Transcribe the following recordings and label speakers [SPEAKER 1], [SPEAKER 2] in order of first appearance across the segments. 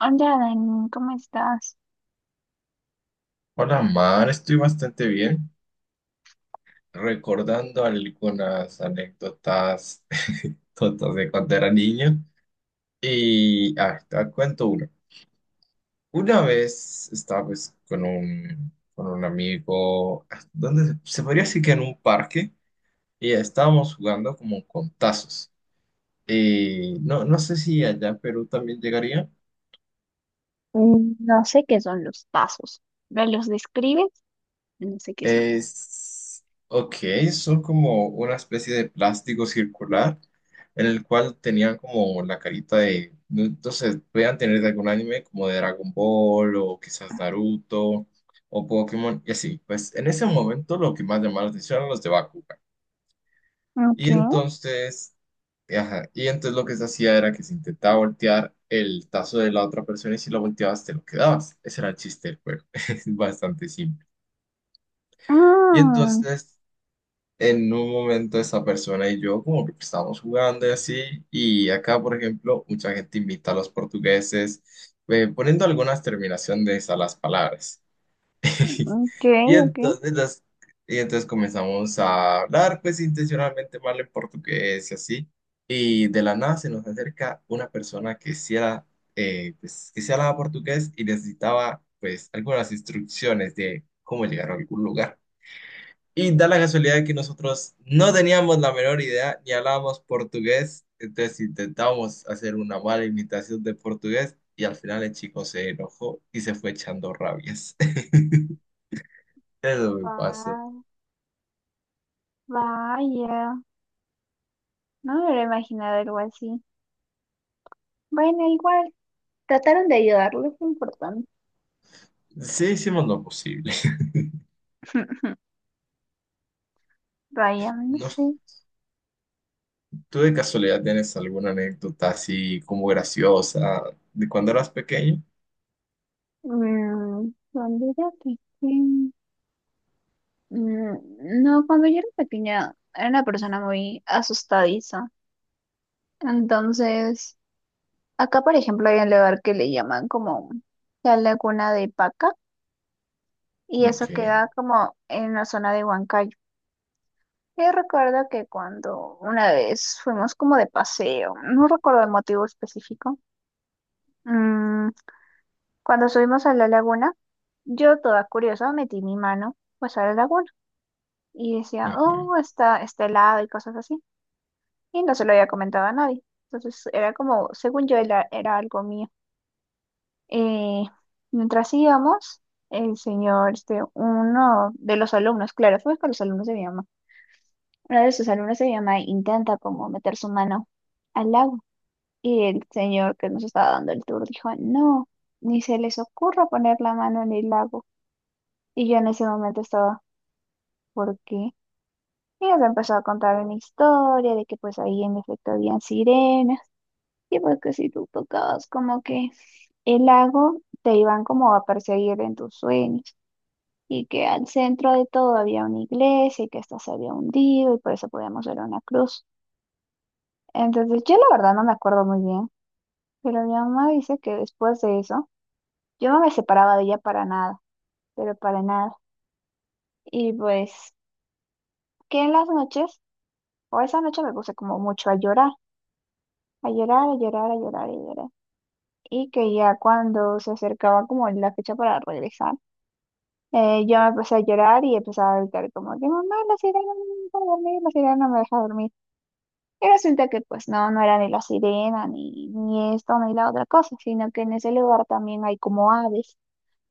[SPEAKER 1] Hola, Dani, ¿cómo estás?
[SPEAKER 2] Hola, Mar, estoy bastante bien. Recordando algunas anécdotas tontas de cuando era niño. Te cuento una. Una vez estaba pues con un amigo, donde se podría decir que en un parque, y estábamos jugando como con tazos. Y no sé si allá en Perú también llegaría.
[SPEAKER 1] No sé qué son los pasos. ¿Me los describes? No sé qué son eso.
[SPEAKER 2] Es, ok, son como una especie de plástico circular en el cual tenían como la carita de, entonces, podían tener de algún anime como de Dragon Ball o quizás Naruto o Pokémon y así. Pues en ese momento lo que más llamaba la atención eran los de Bakugan. Y
[SPEAKER 1] Okay.
[SPEAKER 2] entonces, ajá, y entonces lo que se hacía era que se intentaba voltear el tazo de la otra persona, y si lo volteabas te lo quedabas. Ese era el chiste del juego. Es bastante simple. Y
[SPEAKER 1] Ah,
[SPEAKER 2] entonces en un momento esa persona y yo como que estábamos jugando y así, y acá, por ejemplo, mucha gente invita a los portugueses poniendo algunas terminaciones a las palabras.
[SPEAKER 1] ok,
[SPEAKER 2] Y
[SPEAKER 1] ok.
[SPEAKER 2] entonces, las- y entonces comenzamos a hablar pues intencionalmente mal en portugués y así, y de la nada se nos acerca una persona que sí era, pues, que sí hablaba portugués y necesitaba pues algunas instrucciones de cómo llegar a algún lugar. Y da la casualidad de que nosotros no teníamos la menor idea ni hablábamos portugués, entonces intentábamos hacer una mala imitación de portugués y al final el chico se enojó y se fue echando rabias. Eso me pasó.
[SPEAKER 1] Va- vaya, no me hubiera imaginado algo así. Bueno, igual, trataron de ayudarlo, es importante.
[SPEAKER 2] Sí, hicimos lo posible.
[SPEAKER 1] Vaya, no
[SPEAKER 2] No sé,
[SPEAKER 1] sé.
[SPEAKER 2] ¿tú de casualidad tienes alguna anécdota así como graciosa de cuando eras pequeño?
[SPEAKER 1] Cuando era pequeña. No, cuando yo era pequeña era una persona muy asustadiza. Entonces, acá, por ejemplo, hay un lugar que le llaman como la Laguna de Paca y eso
[SPEAKER 2] Ok.
[SPEAKER 1] queda como en la zona de Huancayo. Yo recuerdo que cuando una vez fuimos como de paseo, no recuerdo el motivo específico. mm, cuando subimos a la laguna, yo toda curiosa metí mi mano pues a la laguna y decía,
[SPEAKER 2] Ujú.
[SPEAKER 1] oh, está helado y cosas así. Y no se lo había comentado a nadie. Entonces era como, según yo, era algo mío. Eh, mientras íbamos, el señor, este, uno de los alumnos, claro, fue con los alumnos de mi mamá, uno de sus alumnos de mi mamá intenta como meter su mano al agua y el señor que nos estaba dando el tour dijo, no, ni se les ocurra poner la mano en el lago. Y yo en ese momento estaba, ¿por qué? Y nos empezó a contar una historia de que pues ahí en efecto habían sirenas y pues que si tú tocabas como que el lago te iban como a perseguir en tus sueños, y que al centro de todo había una iglesia y que esta se había hundido y por eso podíamos ver una cruz. Entonces, yo la verdad no me acuerdo muy bien, pero mi mamá dice que después de eso, yo no me separaba de ella para nada, pero para nada. Y pues, que en las noches, o esa noche me puse como mucho a llorar, a llorar, a llorar, a llorar, a llorar. Y que ya cuando se acercaba como la fecha para regresar, yo me empecé a llorar y empezaba a gritar como que mamá, la sirena no me deja dormir, la sirena no me deja dormir. Y resulta que pues no, no era ni la sirena, ni esto, ni la otra cosa, sino que en ese lugar también hay como aves.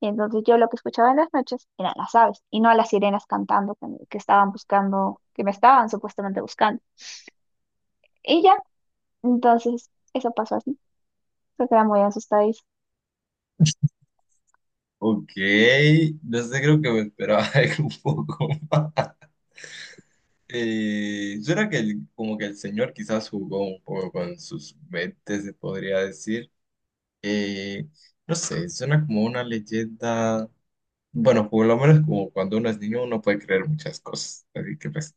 [SPEAKER 1] Y entonces yo lo que escuchaba en las noches eran las aves y no a las sirenas cantando que, que estaban buscando, que me estaban supuestamente buscando. Y ya, entonces eso pasó así. Se quedé muy asustadís.
[SPEAKER 2] Ok, no sé, creo que me esperaba algo un poco más. Yo era que como que el señor quizás jugó un poco con sus mentes, se podría decir. Eh, no sé, suena como una leyenda. Bueno, por lo menos como cuando uno es niño uno puede creer muchas cosas. Así que pues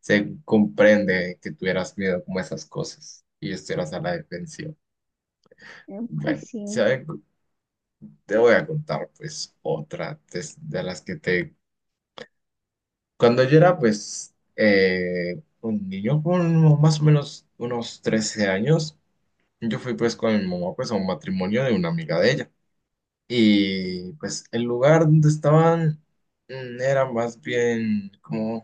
[SPEAKER 2] se comprende que tuvieras miedo como a esas cosas y estuvieras a la defensiva.
[SPEAKER 1] Pues
[SPEAKER 2] Bueno,
[SPEAKER 1] sí.
[SPEAKER 2] ¿sabe? Te voy a contar pues otra de las que te. Cuando yo era, pues, un niño, con más o menos unos 13 años, yo fui, pues, con mi mamá, pues, a un matrimonio de una amiga de ella. Y, pues, el lugar donde estaban, era más bien como,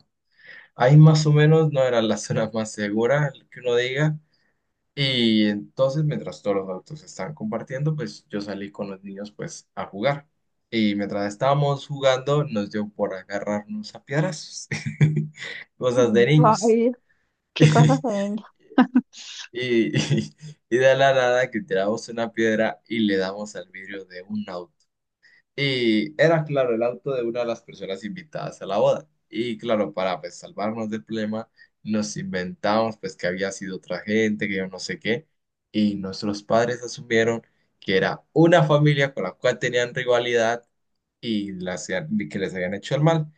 [SPEAKER 2] ahí más o menos no era la zona más segura, que uno diga, y entonces, mientras todos los adultos estaban compartiendo, pues yo salí con los niños pues a jugar. Y mientras estábamos jugando, nos dio por agarrarnos a piedras. Cosas de niños.
[SPEAKER 1] Vaya. Qué cosas de niño.
[SPEAKER 2] Y, y, y de la nada que tiramos una piedra y le damos al vidrio de un auto. Y era, claro, el auto de una de las personas invitadas a la boda. Y claro, para pues salvarnos del problema, nos inventamos pues que había sido otra gente, que yo no sé qué. Y nuestros padres asumieron que era una familia con la cual tenían rivalidad y las, que les habían hecho el mal.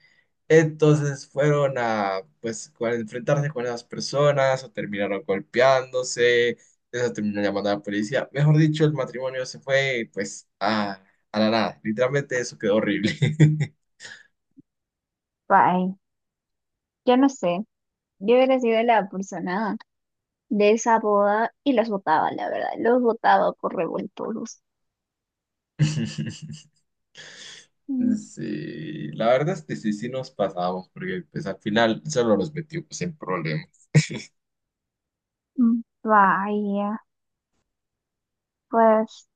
[SPEAKER 2] Entonces fueron a, pues, a enfrentarse con esas personas o terminaron golpeándose, eso terminó llamando a la policía. Mejor dicho, el matrimonio se fue, pues, a la nada. Literalmente eso quedó horrible.
[SPEAKER 1] Vaya. Yo no sé. Yo hubiera sido la persona de esa boda y los votaba, la verdad. Los votaba por revoltosos. Mm.
[SPEAKER 2] Sí, la verdad es que sí, sí nos pasamos, porque pues al final solo los metimos sin problema.
[SPEAKER 1] Vaya, pues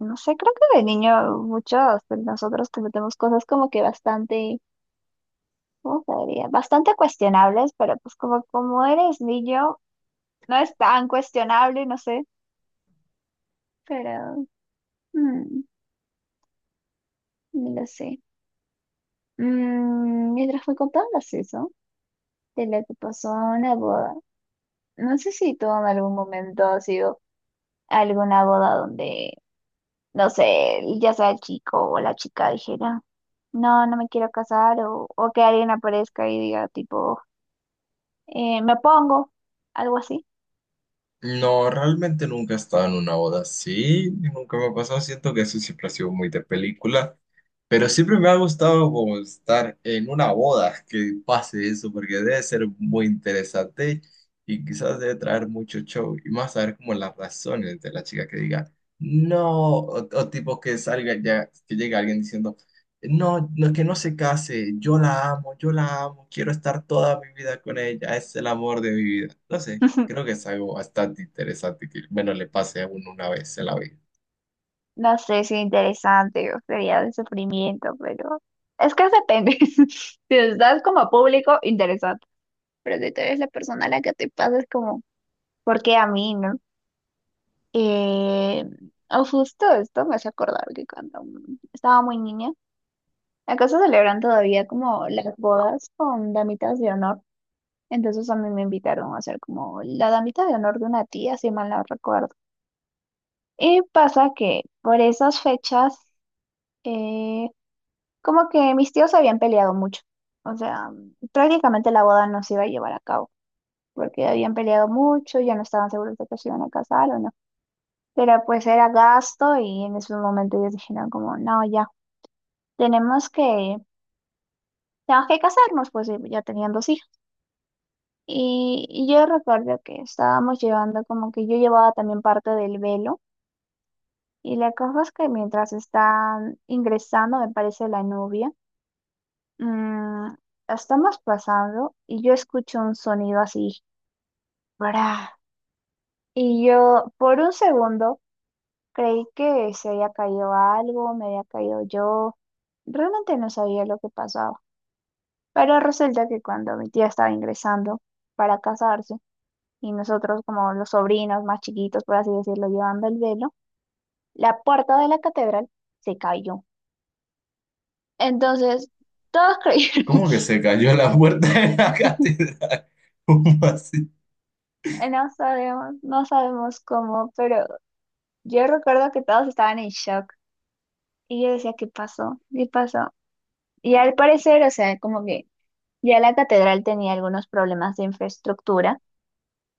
[SPEAKER 1] no sé, creo que de niño muchos de nosotros cometemos cosas como que bastante, ¿cómo se diría? Bastante cuestionables, pero pues como, como eres niño, no es tan cuestionable, no sé, pero mm, no lo sé. Mientras me contabas eso, de lo que pasó en la boda, no sé si tú en algún momento has ido a alguna boda donde no sé, ya sea el chico o la chica dijera, no, no me quiero casar, o que alguien aparezca y diga, tipo, me pongo, algo así.
[SPEAKER 2] No, realmente nunca he estado en una boda así, nunca me ha pasado, siento que eso siempre ha sido muy de película. Pero siempre me ha gustado como estar en una boda que pase eso, porque debe ser muy interesante y quizás debe traer mucho show y más saber como las razones de la chica que diga no, o tipo que salga ya, que llegue alguien diciendo no, no, que no se case, yo la amo, quiero estar toda mi vida con ella, es el amor de mi vida. No sé, creo que es algo bastante interesante que, bueno, le pase a uno una vez en la vida.
[SPEAKER 1] No sé si interesante o sería de sufrimiento, pero es que depende. Si estás como público, interesante. Pero si tú eres la persona a la que te pasa, es como, ¿por qué a mí, no? Eh, o justo esto me hace acordar que cuando estaba muy niña, acaso celebran todavía como las bodas con damitas de honor. Entonces a mí me invitaron a hacer como la damita de honor de una tía, si mal no recuerdo. Y pasa que por esas fechas, eh, como que mis tíos habían peleado mucho. O sea, prácticamente la boda no se iba a llevar a cabo, porque habían peleado mucho, ya no estaban seguros de que se iban a casar o no. Pero pues era gasto y en ese momento ellos dijeron como, no, ya, tenemos que, tenemos que casarnos, pues y ya tenían dos hijos. Y yo recuerdo que estábamos llevando, como que yo llevaba también parte del velo. Y la cosa es que mientras están ingresando, me parece la novia, mm, estamos pasando y yo escucho un sonido así, ¡bra! Y yo por un segundo creí que se había caído algo, me había caído yo. Realmente no sabía lo que pasaba. Pero resulta que cuando mi tía estaba ingresando para casarse, y nosotros como los sobrinos más chiquitos, por así decirlo, llevando el velo, la puerta de la catedral se cayó. Entonces, todos creyeron,
[SPEAKER 2] ¿Cómo que se cayó la puerta de la catedral? ¿Cómo así?
[SPEAKER 1] no sabemos, no sabemos cómo, pero yo recuerdo que todos estaban en shock y yo decía, ¿qué pasó? ¿Qué pasó? Y al parecer, o sea, como que ya la catedral tenía algunos problemas de infraestructura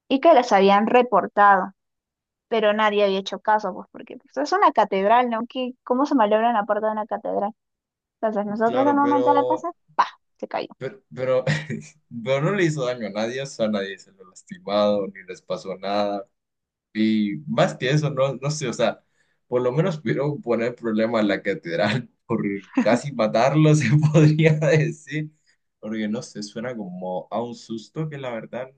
[SPEAKER 1] y que los habían reportado. Pero nadie había hecho caso, pues porque pues, es una catedral, ¿no? ¿Cómo se malogra la puerta de una catedral? Entonces nosotros al
[SPEAKER 2] Claro,
[SPEAKER 1] momento de
[SPEAKER 2] pero,
[SPEAKER 1] pasar, se cayó.
[SPEAKER 2] pero, pero, pero no le hizo daño a nadie, o sea, a nadie se lo lastimado, ni les pasó nada. Y más que eso, no, no sé, o sea, por lo menos pudieron poner problema en la catedral por casi matarlo, se podría decir. Porque no sé, suena como a un susto que la verdad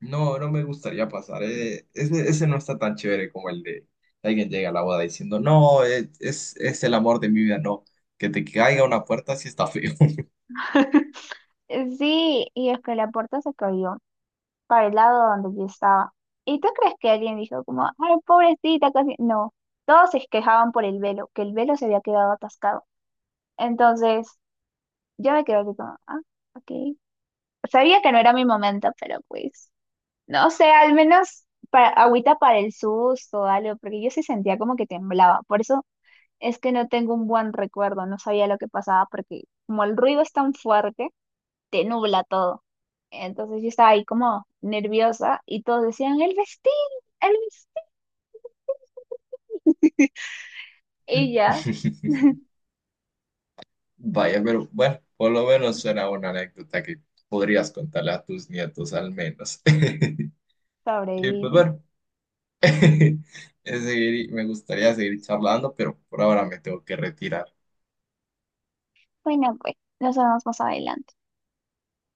[SPEAKER 2] no, no me gustaría pasar. Ese no está tan chévere como el de alguien llega a la boda diciendo, no, es el amor de mi vida, no. Que te caiga una puerta sí está feo.
[SPEAKER 1] Sí, y es que la puerta se cayó para el lado donde yo estaba. ¿Y tú crees que alguien dijo como, ay, pobrecita, casi? No, todos se quejaban por el velo, que el velo se había quedado atascado. Entonces, yo me quedé así como, ah, ok. Sabía que no era mi momento, pero pues, no sé, al menos para, agüita para el susto o algo, porque yo sí sentía como que temblaba. Por eso es que no tengo un buen recuerdo, no sabía lo que pasaba porque como el ruido es tan fuerte, te nubla todo. Entonces yo estaba ahí como nerviosa y todos decían, el vestido, el vestido. Y ya
[SPEAKER 2] Vaya, pero bueno, por lo menos suena una anécdota que podrías contarle a tus nietos al menos. Y pues
[SPEAKER 1] sobreviví.
[SPEAKER 2] bueno, me gustaría seguir charlando, pero por ahora me tengo que retirar.
[SPEAKER 1] Bueno, pues nos vemos más adelante.